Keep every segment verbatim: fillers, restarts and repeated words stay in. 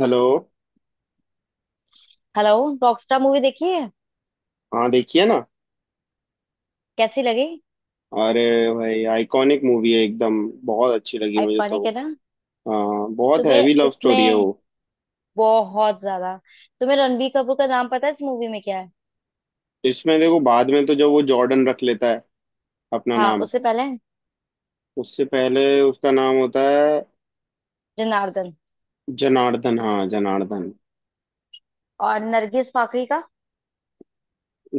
Hello. Hello. Rockstar movie देखी है? हाँ देखिए ना। कैसी लगी? अरे भाई आइकॉनिक मूवी है एकदम। बहुत अच्छी लगी मुझे तो। आइकॉनिक है ना। हाँ बहुत तुम्हें हैवी लव स्टोरी है इसमें वो। बहुत ज्यादा तुम्हें रणबीर कपूर का नाम पता है इस मूवी में क्या है? इसमें देखो बाद में तो जब वो जॉर्डन रख लेता है अपना हाँ, नाम। उससे पहले उससे पहले उसका नाम होता है जनार्दन। जनार्दन। हाँ जनार्दन। और नरगिस फाकरी का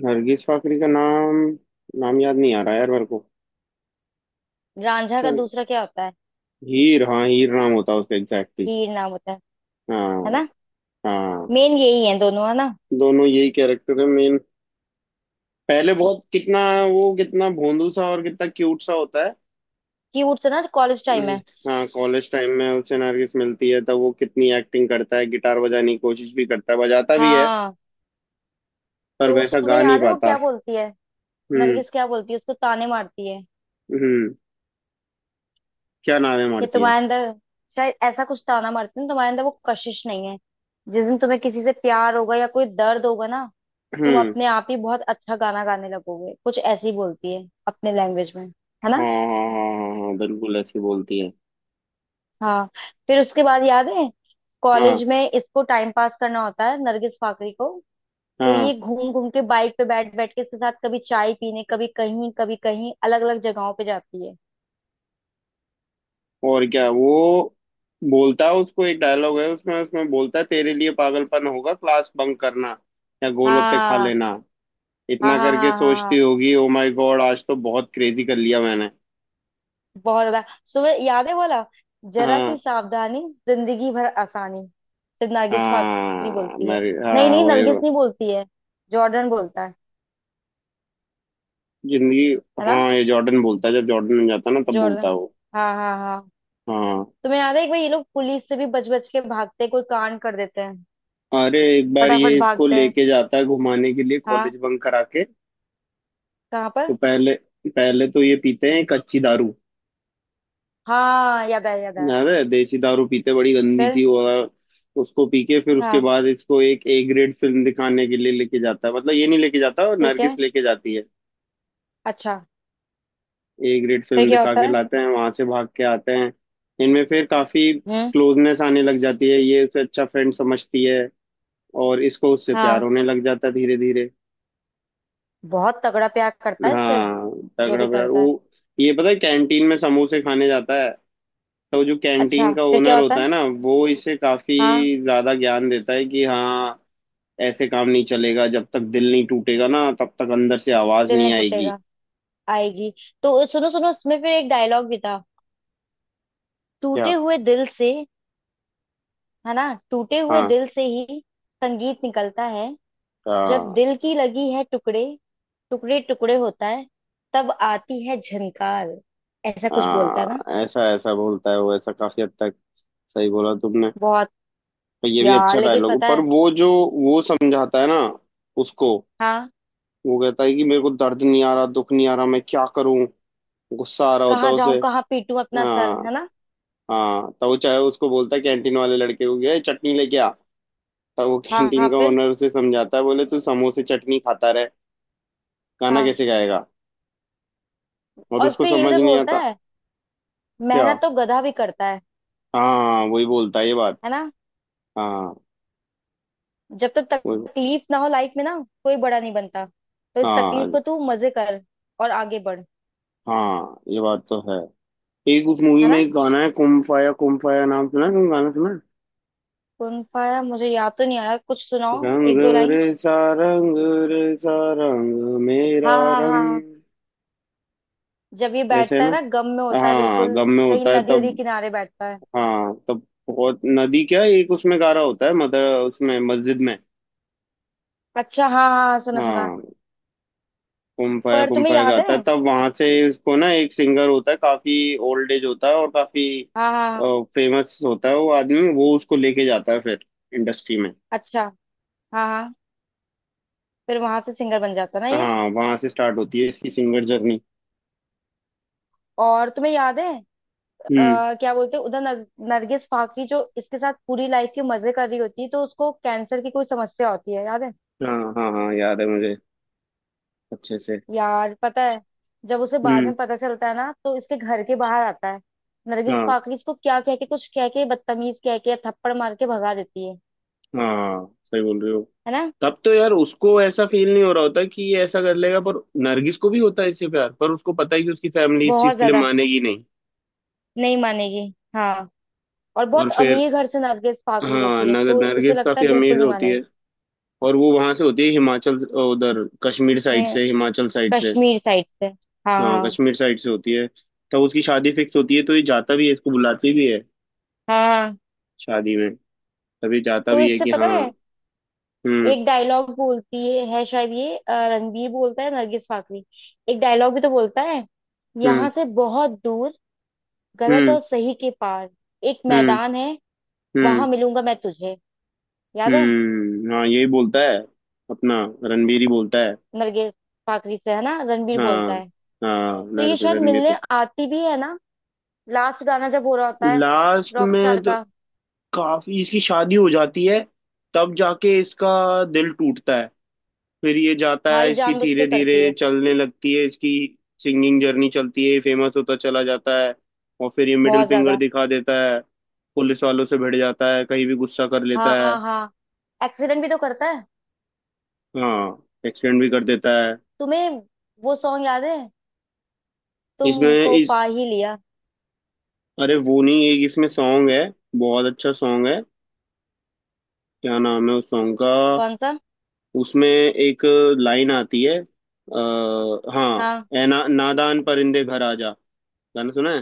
नरगिस फाकरी का नाम, नाम याद नहीं आ रहा यार मेरे को। रांझा क्या? का दूसरा क्या होता है? हीर, हाँ हीर नाम होता है उसका एग्जैक्टली। हीर नाम होता है। है हाँ। ना। हाँ। मेन यही है दोनों, है ना। दोनों यही कैरेक्टर है मेन। पहले बहुत कितना, वो कितना भोंदू सा और कितना क्यूट सा होता है। क्यूट से ना, कॉलेज टाइम हम्म, है। हाँ कॉलेज टाइम में उसे नरगिस मिलती है तब वो कितनी एक्टिंग करता है, गिटार बजाने की कोशिश भी करता है, बजाता भी है। हाँ, पर तो वैसा तुम्हें गा नहीं याद है वो पाता। क्या बोलती है? हम्म। नरगिस क्या बोलती है, उसको ताने मारती है। हम्म। क्या नारे ये मारती है? तुम्हारे अंदर शायद ऐसा कुछ था ना मार्टिन, तुम्हारे अंदर वो कशिश नहीं है। जिस दिन तुम्हें किसी से प्यार होगा या कोई दर्द होगा ना, तुम हम्म। अपने आप ही बहुत अच्छा गाना गाने लगोगे। कुछ ऐसे ही बोलती है अपने लैंग्वेज में, हाँ है ना। हाँ हाँ। हाँ हाँ बिल्कुल ऐसे बोलती है। हाँ। फिर उसके बाद याद है, कॉलेज हाँ। में इसको टाइम पास करना होता है नरगिस फाकरी को। तो हाँ। ये घूम घूम के बाइक पे बैठ बैठ के इसके साथ कभी चाय पीने, कभी कहीं कभी कहीं अलग अलग जगहों पे जाती है। और क्या वो बोलता है उसको, एक डायलॉग है उसमें उसमें बोलता है तेरे लिए पागलपन होगा क्लास बंक करना या गोलगप्पे खा हाँ लेना। हाँ इतना हाँ करके हाँ हाँ। सोचती हाँ, होगी ओ माय गॉड, आज तो बहुत क्रेजी कर लिया मैंने। बहुत ज्यादा। सुबह याद है बोला, जरा हाँ। सी सावधानी, जिंदगी भर आसानी, सिर्फ नरगिस फाकरी हाँ बोलती है। मैरी नहीं हाँ नहीं, वो ये। नरगिस नहीं बोलती है, जॉर्डन बोलता है जिंदगी। है ना। हाँ ये जॉर्डन बोलता है, जब जॉर्डन में जाता है ना तब जॉर्डन, बोलता है वो। हाँ हाँ हाँ। हाँ। तुम्हें याद है एक बार ये लोग पुलिस से भी बच बच के भागते हैं, कोई कांड कर देते हैं। अरे एक बार ये फटाफट इसको भागते हैं। लेके जाता है घुमाने के लिए कॉलेज हाँ, बंक करा के। कहाँ तो पर? पहले पहले तो ये पीते हैं कच्ची दारू। हाँ, याद आया याद आया। अरे देसी दारू पीते, बड़ी गंदी फिर। चीज। और उसको पी के फिर उसके हाँ, बाद इसको एक ए ग्रेड फिल्म दिखाने के लिए लेके जाता है, मतलब ये नहीं लेके जाता, ठीक है। नरगिस लेके जाती है। अच्छा, ए ग्रेड फिर फिल्म क्या दिखा होता के है? लाते हैं, वहां से भाग के आते हैं। इनमें फिर काफी हम्म। क्लोजनेस आने लग जाती है, ये उसे अच्छा फ्रेंड समझती है और इसको उससे प्यार हाँ, होने लग जाता है धीरे धीरे। बहुत तगड़ा प्यार करता है सिर्फ हाँ जो तगड़ा भी प्यार वो। करता है। ये पता है कैंटीन में समोसे खाने जाता है तो जो अच्छा, कैंटीन का फिर क्या ओनर होता होता है? है ना, वो इसे काफी हाँ, ज्यादा ज्ञान देता है कि हाँ, ऐसे काम नहीं चलेगा, जब तक दिल नहीं टूटेगा ना तब तक अंदर से आवाज दिल नहीं नहीं आएगी। टूटेगा। आएगी। तो सुनो सुनो, उसमें फिर एक डायलॉग भी था, क्या? टूटे हुए दिल से, है ना। टूटे हुए हाँ दिल से ही संगीत निकलता है। जब हाँ दिल की लगी है टुकड़े टुकड़े टुकड़े होता है, तब आती है झनकार। ऐसा कुछ बोलता है ना। हाँ ऐसा ऐसा बोलता है वो, ऐसा काफी हद तक सही बोला तुमने। बहुत। पर ये भी यार अच्छा लेकिन डायलॉग, पता पर है, वो जो वो समझाता है ना उसको। हाँ, वो कहता है कि मेरे को दर्द नहीं आ रहा, दुख नहीं आ रहा, मैं क्या करूं, गुस्सा आ रहा होता कहाँ है उसे। जाऊं कहाँ पीटूं अपना सर, हाँ। है ना। हाँ तो वो चाहे उसको बोलता है कैंटीन वाले लड़के को, गया चटनी लेके आ। तो वो हाँ हाँ, कैंटीन का फिर। ओनर उसे समझाता है, बोले तू समोसे चटनी खाता रहे गाना हाँ। कैसे गाएगा। और और उसको फिर ये भी समझ तो नहीं बोलता आता। है, क्या? मेहनत तो गधा भी करता है हाँ वही बोलता है ये बात। है ना। हाँ। जब तक वही। तकलीफ ना हो लाइफ में ना, कोई बड़ा नहीं बनता। तो इस तकलीफ हाँ को तू मजे कर और आगे बढ़। हाँ ये बात तो है। एक उस मूवी है में ना। एक गाना है, कुम फाया कुम फाया नाम, सुना है? तुम गाना सुना है? कौन पाया मुझे याद तो नहीं आया, कुछ सुनाओ रंग एक दो लाइन। रे सा, रंग रे सा, रंग मेरा हाँ हाँ हाँ रंग। हाँ। जब ये ऐसे है बैठता ना। है ना गम में होता है हाँ बिल्कुल। गम में कहीं होता है नदी तब। वदी किनारे बैठता है। हाँ तब। बहुत नदी क्या है, एक उसमें गारा होता है, मदर, उसमें मस्जिद में। अच्छा, हाँ हाँ हाँ, सुना सुना। हाँ। कुम फाया पर कुम तुम्हें फाया याद गाता है, है, तब वहां से इसको ना एक सिंगर होता है काफी ओल्ड एज, होता है और काफी हाँ हाँ हाँ। फेमस होता है वो आदमी, वो उसको लेके जाता है फिर इंडस्ट्री में। अच्छा, हाँ हाँ। फिर वहां से सिंगर बन जाता ना ये। हाँ वहां से स्टार्ट होती है इसकी सिंगर जर्नी। और तुम्हें याद है, हम्म। अ, क्या बोलते हैं उधर, नर, नरगिस फाकरी जो इसके साथ पूरी लाइफ के मजे कर रही होती है, तो उसको कैंसर की कोई समस्या होती है, याद है। हाँ हाँ हाँ याद है मुझे, अच्छे से। यार पता है, जब उसे बाद हम्म। में पता चलता है ना तो इसके घर के बाहर आता है। नरगिस हाँ फाकरी इसको क्या कह के, कुछ कह के बदतमीज कह के थप्पड़ मार के भगा देती है हाँ सही बोल रहे हो। है ना। तब तो यार उसको ऐसा फील नहीं हो रहा होता कि ये ऐसा कर लेगा, पर नरगिस को भी होता है इससे प्यार, पर उसको पता है कि उसकी फैमिली इस चीज बहुत के लिए ज्यादा मानेगी नहीं। नहीं मानेगी। हाँ, और और बहुत फिर, अमीर घर से नरगिस फाकरी हाँ, होती है, नगर तो उसे नरगिस लगता काफी है बिल्कुल अमीर नहीं होती है मानेगी। और वो वहां से होती है हिमाचल, उधर कश्मीर साइड ये से, हिमाचल साइड से। कश्मीर साइड से, हाँ हाँ हाँ कश्मीर साइड से होती है। तब उसकी शादी फिक्स होती है, तो ये जाता भी है, इसको बुलाती भी है हाँ। शादी में, तभी जाता तो भी है इससे कि पता है, हाँ। हम्म। एक डायलॉग बोलती है, है शायद ये, अ, रणबीर बोलता है नरगिस फाकरी। एक डायलॉग भी तो बोलता है, हम्म। यहाँ से बहुत दूर, गलत हम्म। और सही के पार, एक हम्म। मैदान है, हम्म। वहां मिलूंगा मैं तुझे। याद है। हम्म। हाँ यही बोलता है अपना, रणबीर ही बोलता है। नरगिस फाकरी से, है ना, रणबीर हाँ। बोलता है। हाँ तो ये नर- शायद रणबीर मिलने को। आती भी है ना, लास्ट गाना जब हो रहा होता है, लास्ट रॉकस्टार में तो का। काफी, इसकी शादी हो जाती है तब जाके इसका दिल टूटता है। फिर ये जाता हाँ, है, ये इसकी जानबूझ के धीरे करती धीरे है। चलने लगती है इसकी सिंगिंग जर्नी, चलती है, फेमस होता चला जाता है। और फिर ये मिडिल बहुत फिंगर ज्यादा। दिखा देता है, पुलिस वालों से भिड़ जाता है, कहीं भी गुस्सा कर हाँ लेता है। हाँ हाँ, एक्सीडेंट भी तो करता है। हाँ एक्सटेंड भी कर देता है। तुम्हें वो सॉन्ग याद है, इसमें तुमको इस पा ही लिया। अरे वो नहीं, एक इसमें सॉन्ग है, बहुत अच्छा सॉन्ग है, क्या नाम है उस सॉन्ग का। कौन सा? उसमें एक लाइन आती है, आ, हाँ, हाँ। ए ना, नादान परिंदे घर आजा। गाना सुना है?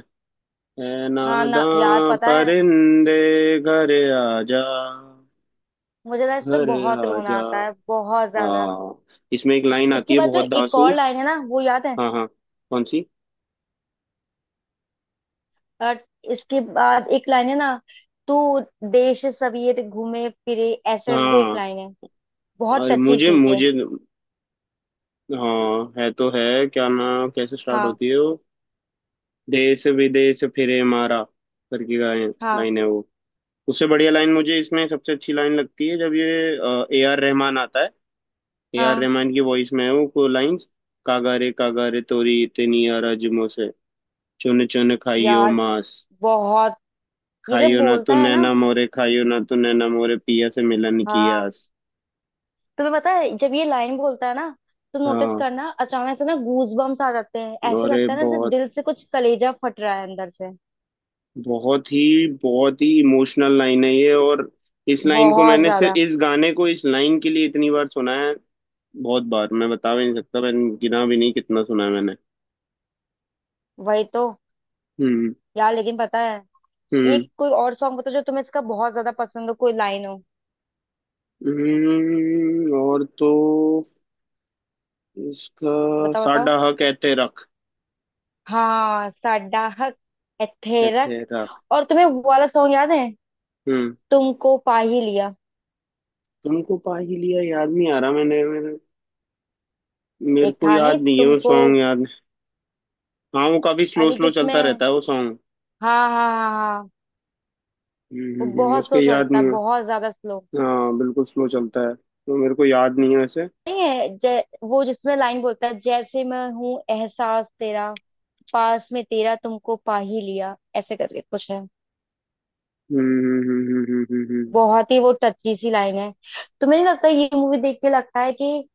ए हाँ ना यार, नादान पता है, परिंदे घर आजा, मुझे ना इस पे घर बहुत रोना आजा। आता है, बहुत ज्यादा। हाँ। इसमें एक लाइन आती इसके है, बाद जो बहुत एक धांसू। और लाइन है ना, वो याद है। हाँ हाँ, कौन सी? और इसके बाद एक लाइन है ना, तू देश सवेर घूमे फिरे, ऐसे करके कोई एक हाँ, लाइन है, बहुत और टची मुझे सी है। मुझे हाँ है तो है। क्या ना, कैसे स्टार्ट हाँ होती है वो? देश विदेश फिरे मारा करके, हाँ लाइन है वो। उससे बढ़िया लाइन, मुझे इसमें सबसे अच्छी लाइन लगती है जब ये ए आर रहमान आता है। ए आर हाँ। रहमान की वॉइस में है वो को लाइंस। कागारे कागारे तोरी इतनी अरजुमों से, चुन चुन खाइयो यार मांस। बहुत, ये जब खाइयो ना बोलता तू है नैना ना, मोरे, खाइयो ना तू नैना मोरे पिया से मिलन की हाँ, आस। तुम्हें पता है जब ये लाइन बोलता है ना, तो नोटिस हाँ करना, अचानक से ना गूज बम्स आ जाते हैं, ऐसे और ये लगता है ना जैसे बहुत, दिल से कुछ, कलेजा फट रहा है अंदर से। बहुत ही बहुत ही इमोशनल लाइन है ये। और इस लाइन को, बहुत मैंने सिर्फ ज्यादा। इस गाने को इस लाइन के लिए इतनी बार सुना है। बहुत बार, मैं बता भी नहीं सकता, मैंने गिना भी नहीं कितना सुना है मैंने। वही तो। हम्म। यार लेकिन पता है, हम्म। एक कोई और सॉन्ग बताओ जो तुम्हें इसका बहुत ज्यादा पसंद हो, कोई लाइन हो। हम्म। और तो इसका बताओ बताओ। साडा हा कहते रख। हाँ साडाहक एथेरक। कहते रख। और तुम्हें वो वाला सॉन्ग याद है, हम्म। तुमको पा ही लिया। तुमको पा ही लिया, याद नहीं आ रहा, मैंने मेरे, मेरे एक को था नहीं याद नहीं है वो तुमको। सॉन्ग याद। हाँ वो काफी स्लो अरे स्लो चलता जिसमें, रहता है वो सॉन्ग। हाँ हाँ हाँ हाँ। हम्म। वो हम्म। हम्म। बहुत उसका स्लो याद चलता है, नहीं। बहुत ज्यादा स्लो। हाँ बिल्कुल स्लो चलता है तो मेरे को याद नहीं है वैसे। नहीं है, जै, वो जिसमें लाइन बोलता है जैसे, मैं हूँ एहसास तेरा, पास में तेरा, तुमको पा ही लिया, ऐसे करके कुछ है। हम्म। हम्म। हम्म। हम्म। हम्म। हम्म। हम्म। बहुत ही वो टची सी लाइन है। तुम्हें नहीं लगता ये मूवी देख के लगता है कि,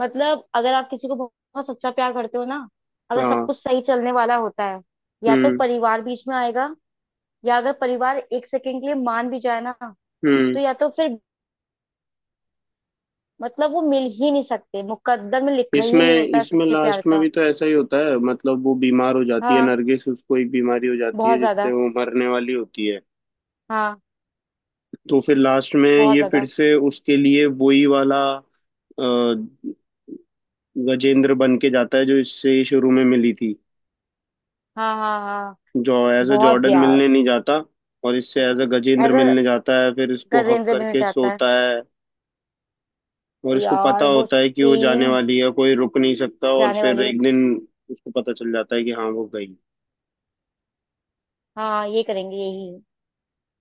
मतलब अगर आप किसी को बहुत सच्चा प्यार करते हो ना, अगर सब हाँ। कुछ सही चलने वाला होता है, या तो हम्म। परिवार बीच में आएगा, या अगर परिवार एक सेकंड के लिए मान भी जाए ना, तो हम्म। या तो फिर, मतलब वो मिल ही नहीं सकते, मुकद्दर में लिखा ही नहीं इसमें होता है इसमें सच्चे प्यार लास्ट में का। भी तो ऐसा ही होता है, मतलब वो बीमार हो जाती है हाँ, नरगिस, उसको एक बीमारी हो जाती है बहुत जिससे ज्यादा। वो मरने वाली होती है। हाँ, तो फिर लास्ट में बहुत ये फिर ज्यादा। से उसके लिए वही वाला अ, गजेंद्र बन के जाता है, जो इससे शुरू में मिली थी। हाँ हाँ हाँ, जो एज अ बहुत। जॉर्डन यार मिलने नहीं जाता और इससे एज अ गजेंद्र ऐसा मिलने जाता है, फिर इसको हक गजेंद्र बनना करके चाहता है। सोता है। और इसको पता यार वो होता है कि वो जाने सीन, वाली है, कोई रुक नहीं सकता, और जाने फिर वाली है। एक दिन उसको पता चल जाता है कि हाँ वो गई। हाँ, ये करेंगे यही।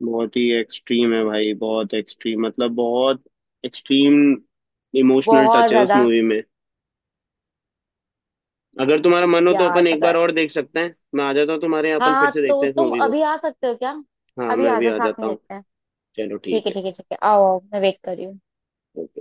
बहुत ही एक्सट्रीम है भाई, बहुत एक्सट्रीम, मतलब बहुत एक्सट्रीम इमोशनल बहुत टच है उस ज्यादा। मूवी में। अगर तुम्हारा मन हो तो यार अपन एक पता, बार और देख सकते हैं, मैं आ जाता हूँ तुम्हारे यहाँ, हाँ अपन फिर हाँ, से देखते तो हैं इस तुम मूवी को। अभी आ सकते हो क्या? हाँ अभी मैं आ अभी जाओ, आ साथ जाता में हूँ। देखते हैं। चलो ठीक ठीक है है। ठीक है ठीक है, आओ आओ, मैं वेट कर रही हूँ। ओके।